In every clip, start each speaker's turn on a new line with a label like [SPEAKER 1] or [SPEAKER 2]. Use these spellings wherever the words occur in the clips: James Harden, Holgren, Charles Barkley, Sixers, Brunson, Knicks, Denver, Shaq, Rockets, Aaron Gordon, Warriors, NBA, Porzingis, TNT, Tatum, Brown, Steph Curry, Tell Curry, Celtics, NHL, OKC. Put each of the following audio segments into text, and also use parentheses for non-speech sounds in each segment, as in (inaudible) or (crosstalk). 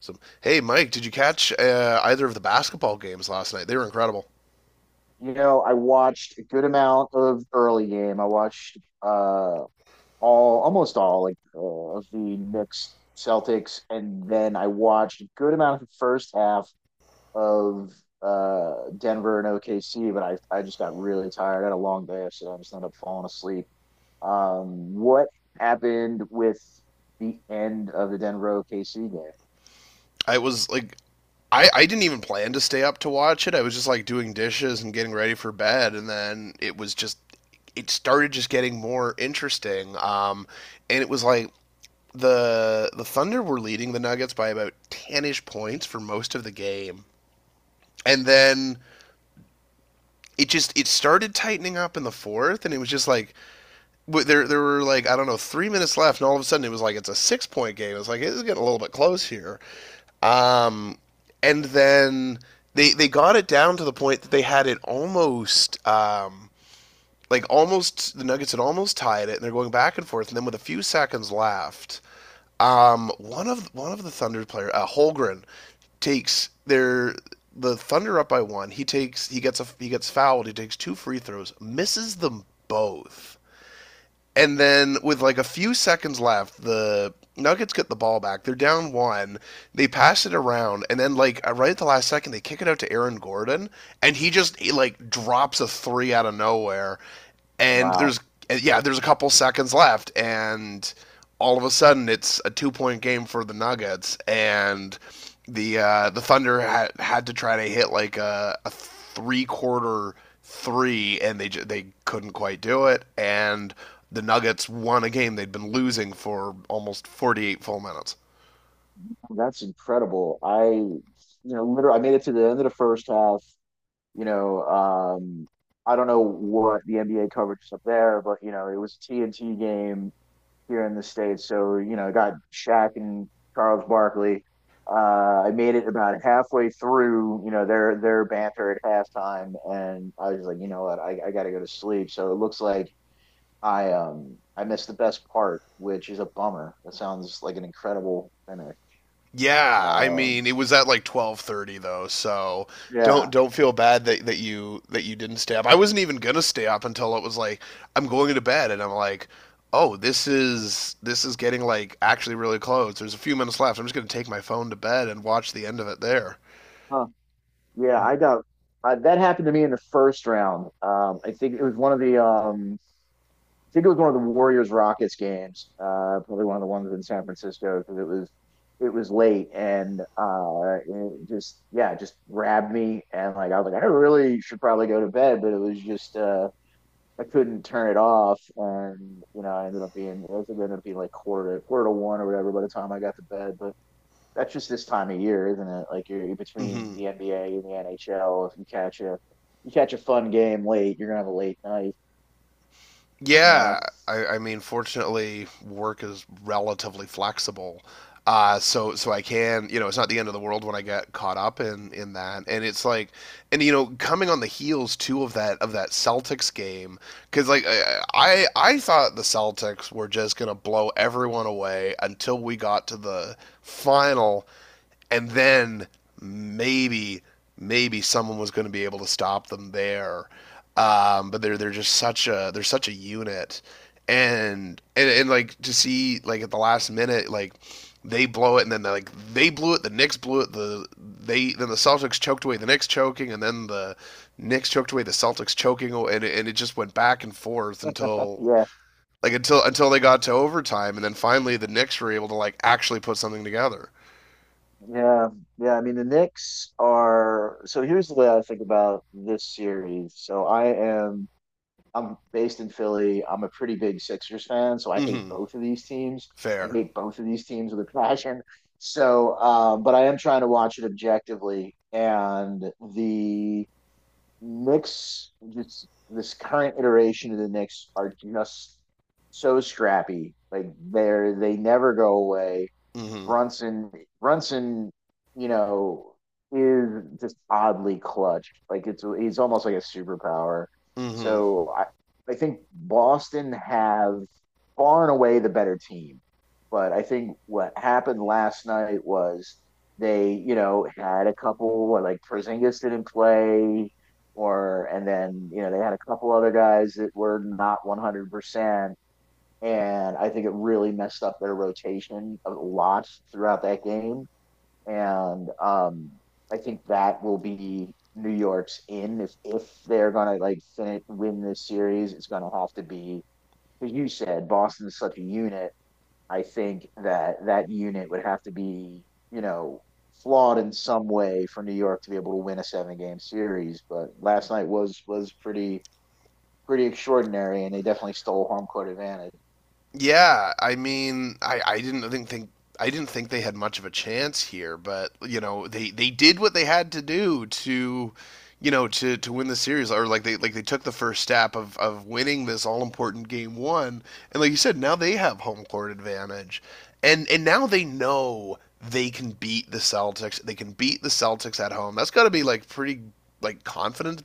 [SPEAKER 1] Some hey, Mike, did you catch either of the basketball games last night? They were incredible.
[SPEAKER 2] I watched a good amount of early game. I watched uh all almost all, like, of the Knicks Celtics, and then I watched a good amount of the first half of Denver and OKC, but I just got really tired. I had a long day, so I just ended up falling asleep. What happened with the end of the Denver OKC game?
[SPEAKER 1] I was like, I didn't even plan to stay up to watch it. I was just like doing dishes and getting ready for bed, and then it started just getting more interesting. And it was like the Thunder were leading the Nuggets by about ten ish points for most of the game, and then it started tightening up in the fourth, and it was just like there were like I don't know 3 minutes left, and all of a sudden it was like it's a 6 point game. It's like it's getting a little bit close here. Um, and then they got it down to the point that they had it almost. Like almost the Nuggets had almost tied it, and they're going back and forth. And then with a few seconds left, one of the Thunder players, Holgren, takes the Thunder up by one. He gets fouled. He takes two free throws, misses them both. And then with like a few seconds left, the Nuggets get the ball back. They're down one. They pass it around, and then right at the last second, they kick it out to Aaron Gordon, and he, like, drops a three out of nowhere. And
[SPEAKER 2] Wow,
[SPEAKER 1] there's yeah, there's a couple seconds left, and all of a sudden it's a 2 point game for the Nuggets, and the Thunder had, had to try to hit like a three quarter three, and they couldn't quite do it, and the Nuggets won a game they'd been losing for almost 48 full minutes.
[SPEAKER 2] that's incredible. I you know literally I made it to the end of the first half. You know, um, I don't know what the NBA coverage is up there, but it was a TNT game here in the States. So, I got Shaq and Charles Barkley. I made it about halfway through, their banter at halftime, and I was like, you know what, I gotta go to sleep. So it looks like I missed the best part, which is a bummer. That sounds like an incredible finish.
[SPEAKER 1] Yeah, I mean
[SPEAKER 2] Um,
[SPEAKER 1] it was at like 12:30 though, so don't
[SPEAKER 2] yeah.
[SPEAKER 1] don't feel bad that you didn't stay up. I wasn't even gonna stay up until it was like I'm going to bed and I'm like, oh, this is getting like actually really close. There's a few minutes left. I'm just gonna take my phone to bed and watch the end of it there.
[SPEAKER 2] Huh. Yeah, I got that happened to me in the first round. I think it was one of the Warriors Rockets games. Probably one of the ones in San Francisco because it was late, and it just yeah, it just grabbed me, and, like, I was like I really should probably go to bed, but it was just I couldn't turn it off, and I ended up being it was ended up being like quarter to one or whatever by the time I got to bed, but that's just this time of year, isn't it? Like you're, between
[SPEAKER 1] Hmm.
[SPEAKER 2] the NBA and the NHL. If you catch a fun game late, you're gonna have a late night. You
[SPEAKER 1] Yeah,
[SPEAKER 2] know?
[SPEAKER 1] I mean, fortunately, work is relatively flexible. So I can, you know, it's not the end of the world when I get caught up in that. And it's like, and you know, coming on the heels too of that Celtics game, because like I thought the Celtics were just gonna blow everyone away until we got to the final, and then maybe someone was going to be able to stop them there. But they're just such a they're such a unit, and like to see like at the last minute like they blow it and then like the Knicks blew it they then the Celtics choked away the Knicks choking and then the Knicks choked away the Celtics choking and it just went back and forth until
[SPEAKER 2] Yeah,
[SPEAKER 1] like until they got to overtime and then finally the Knicks were able to like actually put something together.
[SPEAKER 2] yeah, yeah. I mean, the Knicks are. So here's the way I think about this series. So I am. I'm based in Philly. I'm a pretty big Sixers fan, so I hate
[SPEAKER 1] Mm-hmm.
[SPEAKER 2] both of these teams. I
[SPEAKER 1] Fair.
[SPEAKER 2] hate both of these teams with a passion. So, but I am trying to watch it objectively, and the Knicks, just this current iteration of the Knicks, are just so scrappy. Like they never go away.
[SPEAKER 1] Hmm.
[SPEAKER 2] Brunson Brunson, you know, is just oddly clutch. Like it's he's almost like a superpower.
[SPEAKER 1] Hmm.
[SPEAKER 2] So I think Boston have far and away the better team. But I think what happened last night was they, had a couple, like, Porzingis didn't play, or and then they had a couple other guys that were not 100%, and I think it really messed up their rotation a lot throughout that game. And I think that will be New York's in. If they're gonna, like, win this series, it's gonna have to be because you said Boston is such a unit. I think that that unit would have to be you know flawed in some way for New York to be able to win a seven game series. But last night was pretty extraordinary, and they definitely stole home court advantage.
[SPEAKER 1] Yeah, I mean, I didn't I didn't think they had much of a chance here, but you know, they did what they had to do to you know, to win the series, or like they took the first step of winning this all important game one, and like you said, now they have home court advantage, and now they know they can beat the Celtics. They can beat the Celtics at home. That's got to be like pretty like confident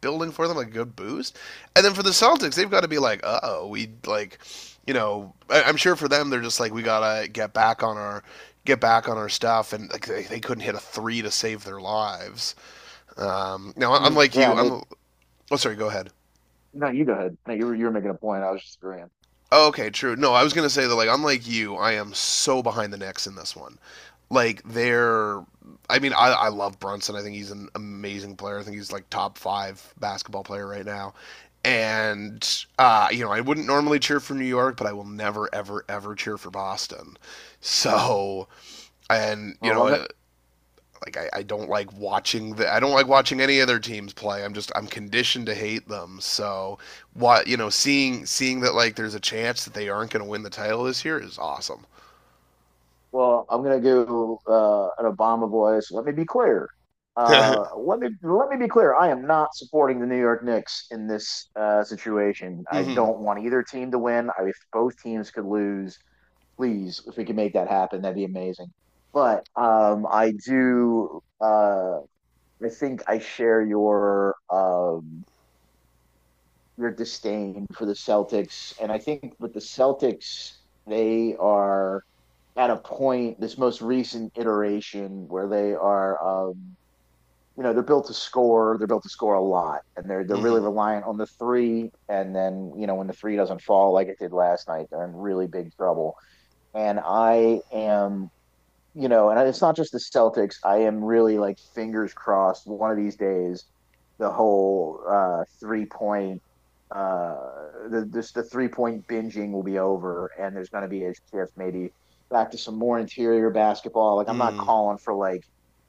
[SPEAKER 1] building for them, like a good boost. And then for the Celtics, they've got to be like, uh oh, we like, you know, I'm sure for them they're just like we gotta get back on our stuff, and like they couldn't hit a three to save their lives. Now,
[SPEAKER 2] Hmm.
[SPEAKER 1] unlike
[SPEAKER 2] Yeah,
[SPEAKER 1] you,
[SPEAKER 2] and they...
[SPEAKER 1] I'm. Oh, sorry. Go ahead.
[SPEAKER 2] No, you go ahead. No, you were making a point. I was just agreeing.
[SPEAKER 1] Oh, okay, true. No, I was gonna say that like unlike you, I am so behind the Knicks in this one. Like they're. I mean, I love Brunson. I think he's an amazing player. I think he's like top five basketball player right now. And you know, I wouldn't normally cheer for New York, but I will never, ever, ever cheer for Boston. So, and you
[SPEAKER 2] Well, I'm gonna
[SPEAKER 1] know, like I don't like watching the I don't like watching any other teams play. I'm conditioned to hate them. So what you know, seeing that like there's a chance that they aren't going to win the title this year is awesome.
[SPEAKER 2] well, I'm gonna go an Obama voice. Let me be clear.
[SPEAKER 1] (laughs) Mhm.
[SPEAKER 2] Let me be clear. I am not supporting the New York Knicks in this situation. I don't want either team to win. If both teams could lose, please, if we can make that happen, that'd be amazing. But I do. I think I share your disdain for the Celtics. And I think with the Celtics, they are at a point, this most recent iteration, where they're built to score. They're built to score a lot, and they're really
[SPEAKER 1] Mhm.
[SPEAKER 2] reliant on the three. And then, when the three doesn't fall like it did last night, they're in really big trouble. And I am... and it's not just the Celtics. I am really, like, fingers crossed. One of these days, the whole three point, uh, the three point binging will be over, and there's going to be a shift, maybe, back to some more interior basketball. Like I'm not
[SPEAKER 1] Mhm.
[SPEAKER 2] calling for like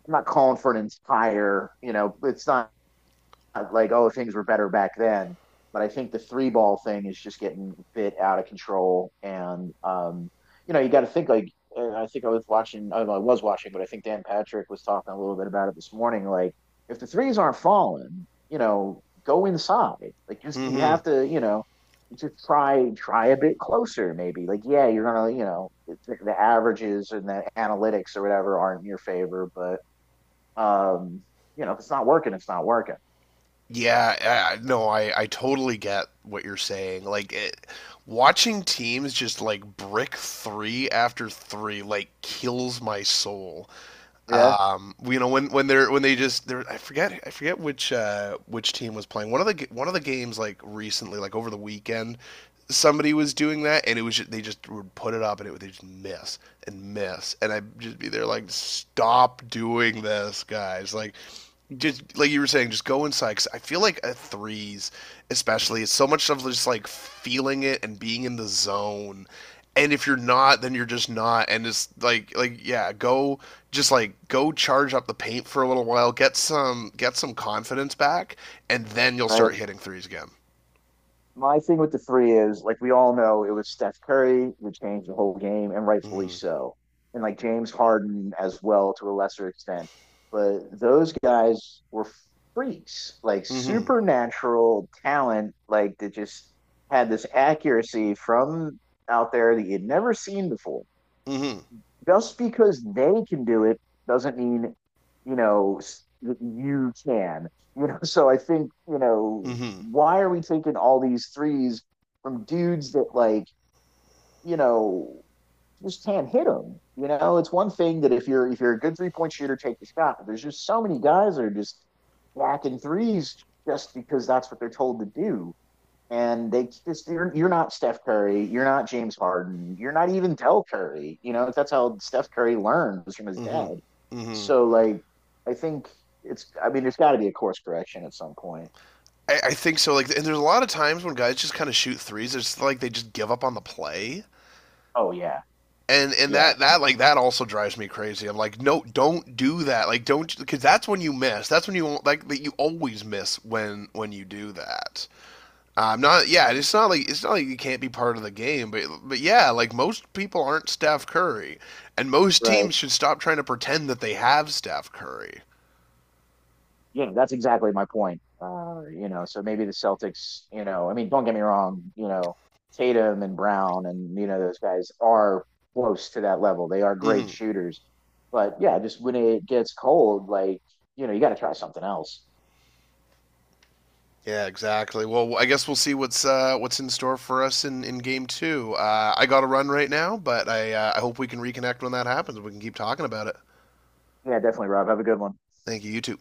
[SPEAKER 2] I'm not calling for an entire, it's not like, oh, things were better back then, but I think the three ball thing is just getting a bit out of control, and you got to think, like, I think I was watching I, don't know, I was watching but I think Dan Patrick was talking a little bit about it this morning, like, if the threes aren't falling, go inside, like, just, you
[SPEAKER 1] Mhm.
[SPEAKER 2] have to, just try a bit closer, maybe, like, yeah, you're gonna, the averages and the analytics or whatever aren't in your favor, but um if it's not working, it's not working.
[SPEAKER 1] Yeah, no, I totally get what you're saying. Like it, watching teams just like brick 3 after 3 like kills my soul.
[SPEAKER 2] Yeah,
[SPEAKER 1] Well, you know when they're when they just they're I forget which team was playing one of the games like recently like over the weekend somebody was doing that and it was just, they just would put it up and it would they just miss and miss and I'd just be there like stop doing this guys like just like you were saying, just go inside. 'Cause I feel like at threes, especially, it's so much of just like feeling it and being in the zone, and if you're not then you're just not, and it's like yeah go just like go charge up the paint for a little while, get some confidence back and then you'll start
[SPEAKER 2] right?
[SPEAKER 1] hitting threes again.
[SPEAKER 2] My thing with the three is, like, we all know it was Steph Curry who changed the whole game, and rightfully
[SPEAKER 1] Mhm.
[SPEAKER 2] so, and, like, James Harden as well, to a lesser extent. But those guys were freaks, like
[SPEAKER 1] Mhm.
[SPEAKER 2] supernatural talent, like that just had this accuracy from out there that you'd never seen before.
[SPEAKER 1] mhm
[SPEAKER 2] Just because they can do it doesn't mean, you know that you can. (laughs) So I think,
[SPEAKER 1] mhm
[SPEAKER 2] why are we taking all these threes from dudes that, like, you know just can't hit them, you know? It's one thing that if you're a good three point shooter, take the shot. But there's just so many guys that are just whacking threes, just because that's what they're told to do, and you're not Steph Curry, you're not James Harden, you're not even Tell Curry. You know that's how Steph Curry learns from his
[SPEAKER 1] mhm
[SPEAKER 2] dad.
[SPEAKER 1] mhm
[SPEAKER 2] So, like, I think it's... I mean, there's got to be a course correction at some point.
[SPEAKER 1] I think so like, and there's a lot of times when guys just kind of shoot threes it's like they just give up on the play,
[SPEAKER 2] Oh yeah,
[SPEAKER 1] and
[SPEAKER 2] yeah,
[SPEAKER 1] that like that also drives me crazy. I'm like, no, don't do that. Like, don't because that's when you miss. That's when you like that you always miss when you do that. I'm not. Yeah, it's not like you can't be part of the game, but yeah, like most people aren't Steph Curry, and most
[SPEAKER 2] right.
[SPEAKER 1] teams should stop trying to pretend that they have Steph Curry.
[SPEAKER 2] Yeah, that's exactly my point. So maybe the Celtics, I mean, don't get me wrong, Tatum and Brown and, those guys are close to that level. They are great
[SPEAKER 1] Hmm.
[SPEAKER 2] shooters. But yeah, just when it gets cold, like, you got to try something else.
[SPEAKER 1] Yeah, exactly. Well, I guess we'll see what's in store for us in game two. I got to run right now, but I hope we can reconnect when that happens. We can keep talking about it.
[SPEAKER 2] Yeah, definitely, Rob. Have a good one.
[SPEAKER 1] Thank you. You too.